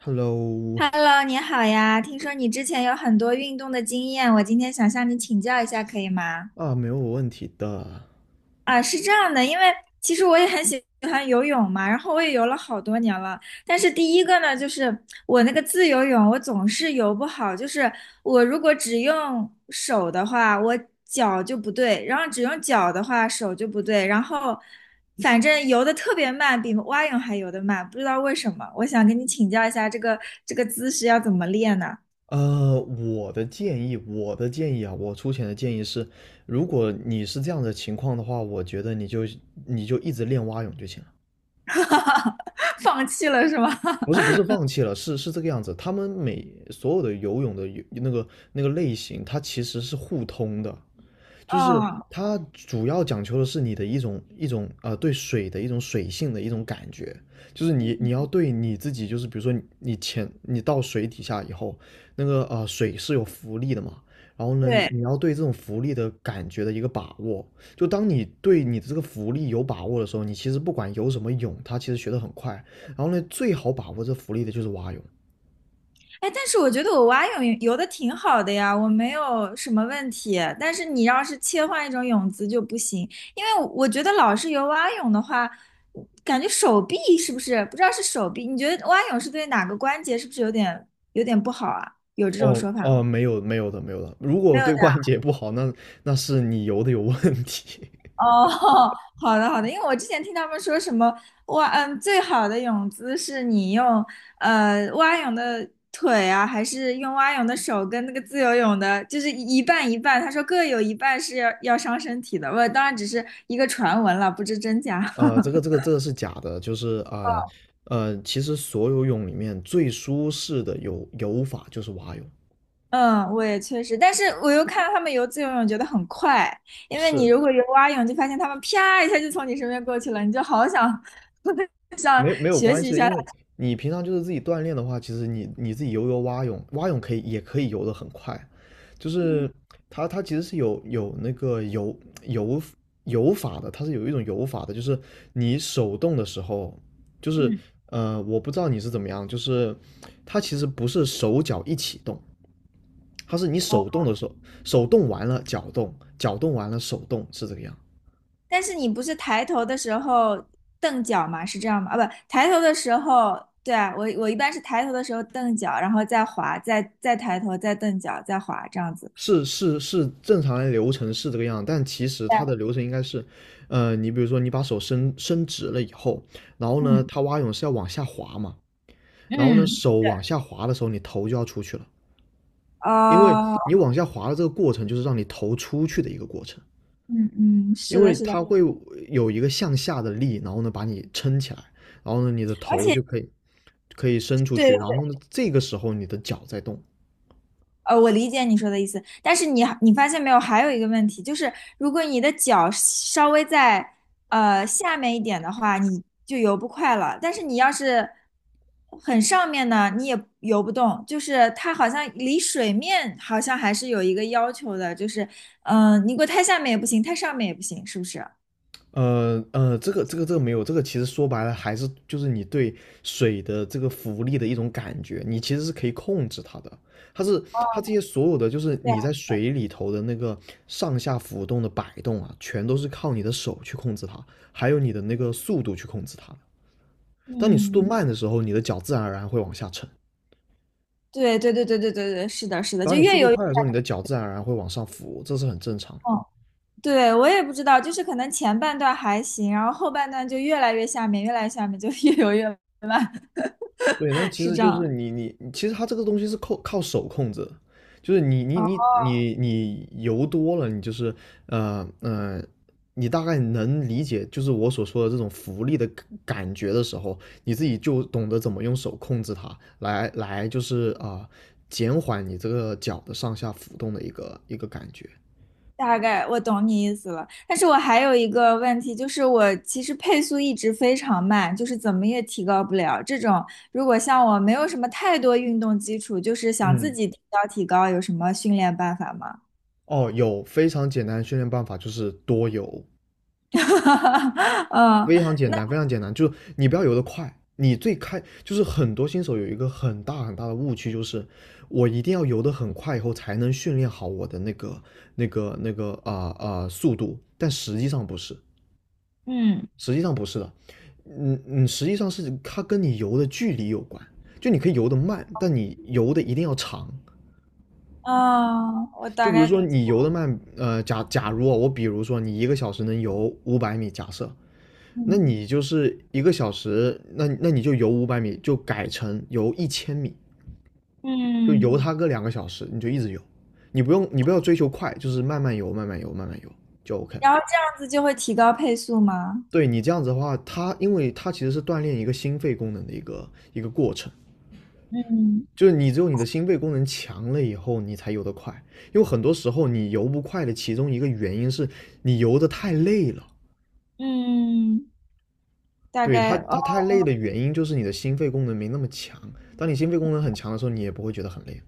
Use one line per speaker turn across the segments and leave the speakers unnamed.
Hello，
Hello，你好呀！听说你之前有很多运动的经验，我今天想向你请教一下，可以吗？
啊，没有问题的。
啊，是这样的，因为其实我也很喜欢游泳嘛，然后我也游了好多年了。但是第一个呢，就是我那个自由泳，我总是游不好，就是我如果只用手的话，我脚就不对，然后只用脚的话，手就不对，然后反正游的特别慢，比蛙泳还游得慢，不知道为什么。我想跟你请教一下，这个姿势要怎么练呢？
我的建议，我的建议啊，我出钱的建议是，如果你是这样的情况的话，我觉得你就一直练蛙泳就行了。
哈哈，放弃了是吗？
不 是不是放弃了，是这个样子。他们每所有的游泳的游那个类型，它其实是互通的。就是
嗯，
它主要讲求的是你的一种对水的一种水性的一种感觉，就是你要对你自己，就是比如说你潜到水底下以后，那个水是有浮力的嘛，然后呢
对，
你要对这种浮力的感觉的一个把握，就当你对你的这个浮力有把握的时候，你其实不管游什么泳，它其实学得很快，然后呢最好把握这浮力的就是蛙泳。
哎，但是我觉得我蛙泳游的挺好的呀，我没有什么问题。但是你要是切换一种泳姿就不行，因为我觉得老是游蛙泳的话，感觉手臂是不是不知道是手臂？你觉得蛙泳是对哪个关节是不是有点不好啊？有这种
哦
说法？
哦，没有没有的没有的，如果
没有
对关节不好，那是你游的有问题。
哦，好的好的，因为我之前听他们说什么蛙，嗯，最好的泳姿是你用蛙泳的腿啊，还是用蛙泳的手跟那个自由泳的，就是一半一半。他说各有一半是要伤身体的，我当然只是一个传闻了，不知真假。
这个这 个这个是假的，就是啊其实所有泳里面最舒适的游法就是蛙泳，
嗯，我也确实，但是我又看到他们游自由泳，觉得很快，因为你
是，
如果游蛙泳，就发现他们啪一下就从你身边过去了，你就好想 想
没有
学
关
习一
系的，
下
因为
他。
你平常就是自己锻炼的话，其实你自己游蛙泳，蛙泳可以也可以游得很快，就
嗯
是它其实是有那个游游法的，它是有一种游法的，就是你手动的时候，就是
嗯，
我不知道你是怎么样，就是它其实不是手脚一起动。它是你手动的手，手动完了脚动，脚动完了手动，是这个样。
但是你不是抬头的时候蹬脚吗？是这样吗？啊，不，抬头的时候，对啊，我一般是抬头的时候蹬脚，然后再滑，再抬头，再蹬脚，再滑，这样子。
是是是，正常的流程是这个样，但其实
对，
它的流程应该是，你比如说你把手伸伸直了以后，然后呢，
嗯
它蛙泳是要往下滑嘛，然后呢，
嗯，
手往下滑的时候，你头就要出去了，因为
哦，
你往下滑的这个过程就是让你头出去的一个过程，
嗯嗯，
因
是的，
为
是的，
它会有一个向下的力，然后呢把你撑起来，然后呢你的
而
头
且
就可以伸出
对，
去，然后呢这个时候你的脚在动，
我理解你说的意思，但是你发现没有，还有一个问题，就是如果你的脚稍微在下面一点的话，你就游不快了。但是你要是很上面呢，你也游不动，就是它好像离水面好像还是有一个要求的，就是你给我太下面也不行，太上面也不行，是不是？
这个没有，这个其实说白了还是就是你对水的这个浮力的一种感觉，你其实是可以控制它的。它是它这些所有的就是
对啊，
你在水里头的那个上下浮动的摆动啊，全都是靠你的手去控制它，还有你的那个速度去控制它的。当你速度
嗯，
慢的时候，你的脚自然而然会往下沉；
对对对对对对对，是的，是的，
当
就
你速
越
度
游越
快的时候，你的脚自然而然会往上浮，这是很正常。
痛。对，我也不知道，就是可能前半段还行，然后后半段就越来越下面，越来越下面，就越游越慢，
对，那 其
是
实
这
就
样。
是你其实它这个东西是靠手控制的。就是你你
哦，
你你你油多了，你就是呃呃，你大概能理解就是我所说的这种浮力的感觉的时候，你自己就懂得怎么用手控制它来就是减缓你这个脚的上下浮动的一个一个感觉。
大概我懂你意思了。但是我还有一个问题，就是我其实配速一直非常慢，就是怎么也提高不了。这种如果像我没有什么太多运动基础，就是想自
嗯，
己提高提高，有什么训练办法吗？
哦，有非常简单的训练办法，就是多游。
嗯
非常简单，非常简单，就是你不要游得快。你最开就是很多新手有一个很大很大的误区，就是我一定要游得很快，以后才能训练好我的那个速度。但实际上不是，
嗯
实际上不是的。实际上是它跟你游的距离有关。就你可以游得慢，但你游的一定要长。
嗯，我
就
大
比如
概
说你游得慢，假如啊，我比如说你一个小时能游五百米，假设，那
嗯
你就是一个小时，那你就游五百米，就改成游一千米，就
嗯，
游它个2个小时，你就一直游，你不要追求快，就是慢慢游，慢慢游，慢慢游就 OK 了。
然后这样子就会提高配速吗？
对，你这样子的话，它因为它其实是锻炼一个心肺功能的一个一个过程，
嗯
就是你只有你的心肺功能强了以后，你才游得快。因为很多时候你游不快的其中一个原因是你游得太累了，
嗯，大
对，它
概哦，
它太累的原因就是你的心肺功能没那么强。当你心肺功能很强的时候，你也不会觉得很累。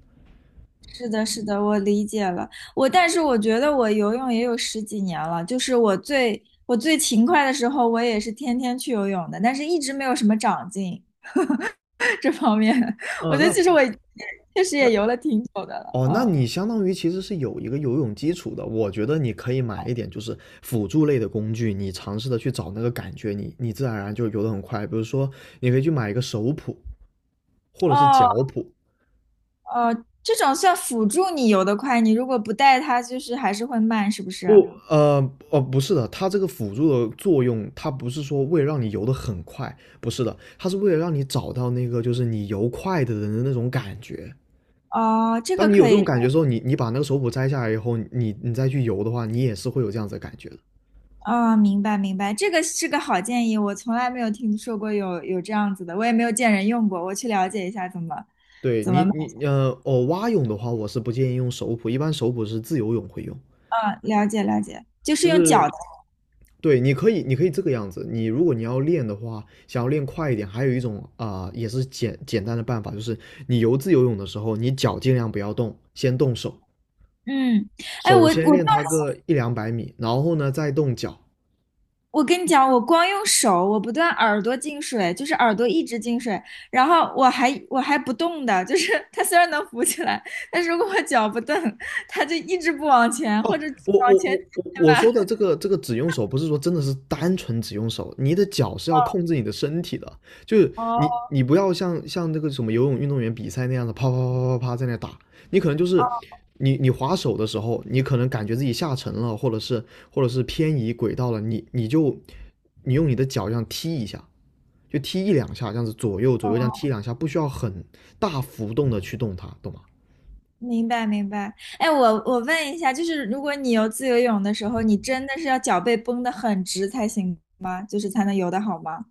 是的，是的，我理解了。我但是我觉得我游泳也有十几年了，就是我最勤快的时候，我也是天天去游泳的，但是一直没有什么长进 这方面。我
哦，
觉得其实我也确实
那
也游了挺久的了，
哦，那
嗯
你相当于其实是有一个游泳基础的。我觉得你可以买一点就是辅助类的工具，你尝试的去找那个感觉，你自然而然就游得很快。比如说，你可以去买一个手蹼或者是
哦
脚蹼。
哦，这种算辅助你游得快，你如果不带它，就是还是会慢，是不是？
不，哦，不是的，它这个辅助的作用，它不是说为了让你游得很快，不是的，它是为了让你找到那个就是你游快的人的那种感觉。
哦，这
当
个
你有
可
这种
以。
感觉的时候，你把那个手蹼摘下来以后，你再去游的话，你也是会有这样子的感觉的。
哦，明白明白，这个是个好建议，我从来没有听说过有这样子的，我也没有见人用过，我去了解一下怎么
对，
怎么，
你蛙泳的话，我是不建议用手蹼，一般手蹼是自由泳会用，
啊，了解了解，就是
就
用
是
脚的，
对，你可以这个样子。你如果你要练的话，想要练快一点，还有一种也是简单的办法，就是你游自由泳的时候，你脚尽量不要动，先动手，
嗯，哎，我
首先
我
练它个一两百米，然后呢再动脚，
我跟你讲，我光用手，我不断耳朵进水，就是耳朵一直进水，然后我还不动的，就是 它虽然能浮起来，但是如果我脚不动，它就一直不往前，或
哦，
者
我
往
我
前，
我我我说的这个只用手，不是说真的是单纯只用手，你的脚是要控制你的身体的，就是你
哦
你不要像那个什么游泳运动员比赛那样的啪啪啪啪啪在那打，你可能就是你划手的时候，你可能感觉自己下沉了，或者是偏移轨道了，你用你的脚这样踢一下，就踢一两下，这样子左右左右这样踢两下，不需要很大幅度的去动它，懂吗？
明白明白。哎，我问一下，就是如果你游自由泳的时候，你真的是要脚背绷得很直才行吗？就是才能游得好吗？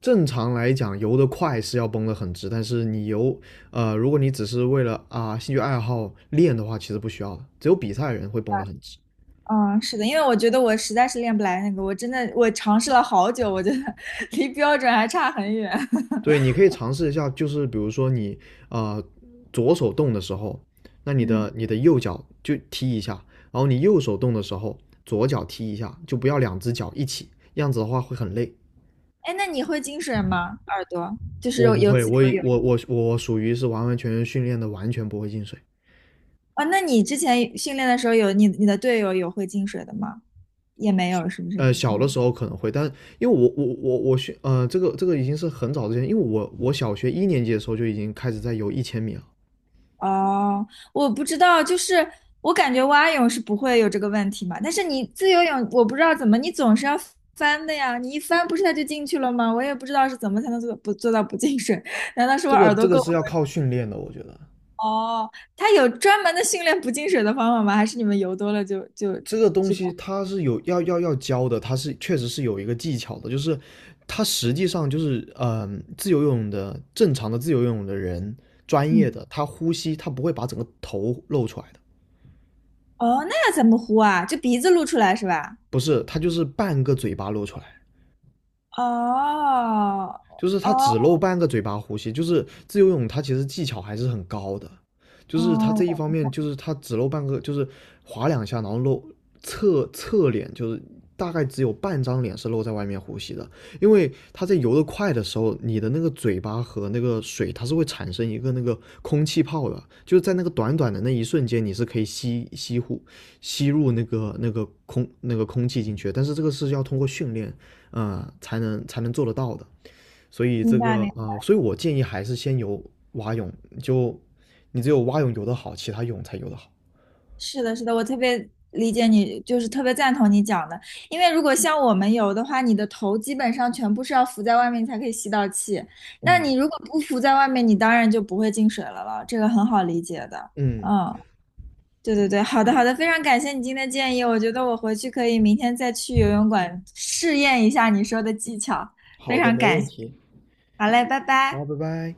正常来讲，游得快是要绷得很直，但是你游，如果你只是为了兴趣爱好练的话，其实不需要的。只有比赛的人会绷得很直。
嗯，是的，因为我觉得我实在是练不来那个，我真的我尝试了好久，我觉得 离标准还差很远。
对，你可以尝试一下，就是比如说你呃左手动的时候，那你
嗯，
的右脚就踢一下，然后你右手动的时候，左脚踢一下，就不要两只脚一起，这样子的话会很累。
哎，那你会进水吗？耳朵就是
我
有
不
有
会，
自
我
由泳
我我我属于是完完全全训练的，完全不会进水。
啊？那你之前训练的时候有你你的队友有会进水的吗？也没有，是不是？
小的时候可能会，但因为我我我我学这个已经是很早之前，因为我小学一年级的时候就已经开始在游一千米了。
哦，我不知道，就是我感觉蛙泳是不会有这个问题嘛，但是你自由泳，我不知道怎么，你总是要翻的呀，你一翻不是它就进去了吗？我也不知道是怎么才能做不做到不进水，难道是我
这
耳
个
朵
这个
够？
是要靠训练的，我觉得
哦，它有专门的训练不进水的方法吗？还是你们游多了就
这个东
知
西
道？
它是有要教的，它是确实是有一个技巧的，就是它实际上就是自由游泳的正常的自由游泳的人，专业
嗯，
的他呼吸他不会把整个头露出来的，
哦，那要怎么呼啊？就鼻子露出来是吧？
不是，他就是半个嘴巴露出来。
哦，
就是
哦，
他只露半个嘴巴呼吸，就是自由泳，他其实技巧还是很高的，就是他
哦，
这一方面，就是他只露半个，就是划两下，然后露侧脸，就是大概只有半张脸是露在外面呼吸的，因为他在游得快的时候，你的那个嘴巴和那个水，它是会产生一个那个空气泡的，就是在那个短短的那一瞬间，你是可以吸入那个那个空那个空气进去。但是这个是要通过训练才能做得到的。所以
明白明白。
所以我建议还是先游蛙泳，就你只有蛙泳游得好，其他泳才游得好。
是的，是的，我特别理解你，就是特别赞同你讲的。因为如果像我们游的话，你的头基本上全部是要浮在外面你才可以吸到气。那
嗯
你如果不浮在外面，你当然就不会进水了。这个很好理解的。
嗯，
嗯，对对对，好的好的，非常感谢你今天的建议，我觉得我回去可以明天再去游泳馆试验一下你说的技巧。非
好的，
常
没
感
问
谢，
题。
好嘞，拜
好，
拜。
拜拜。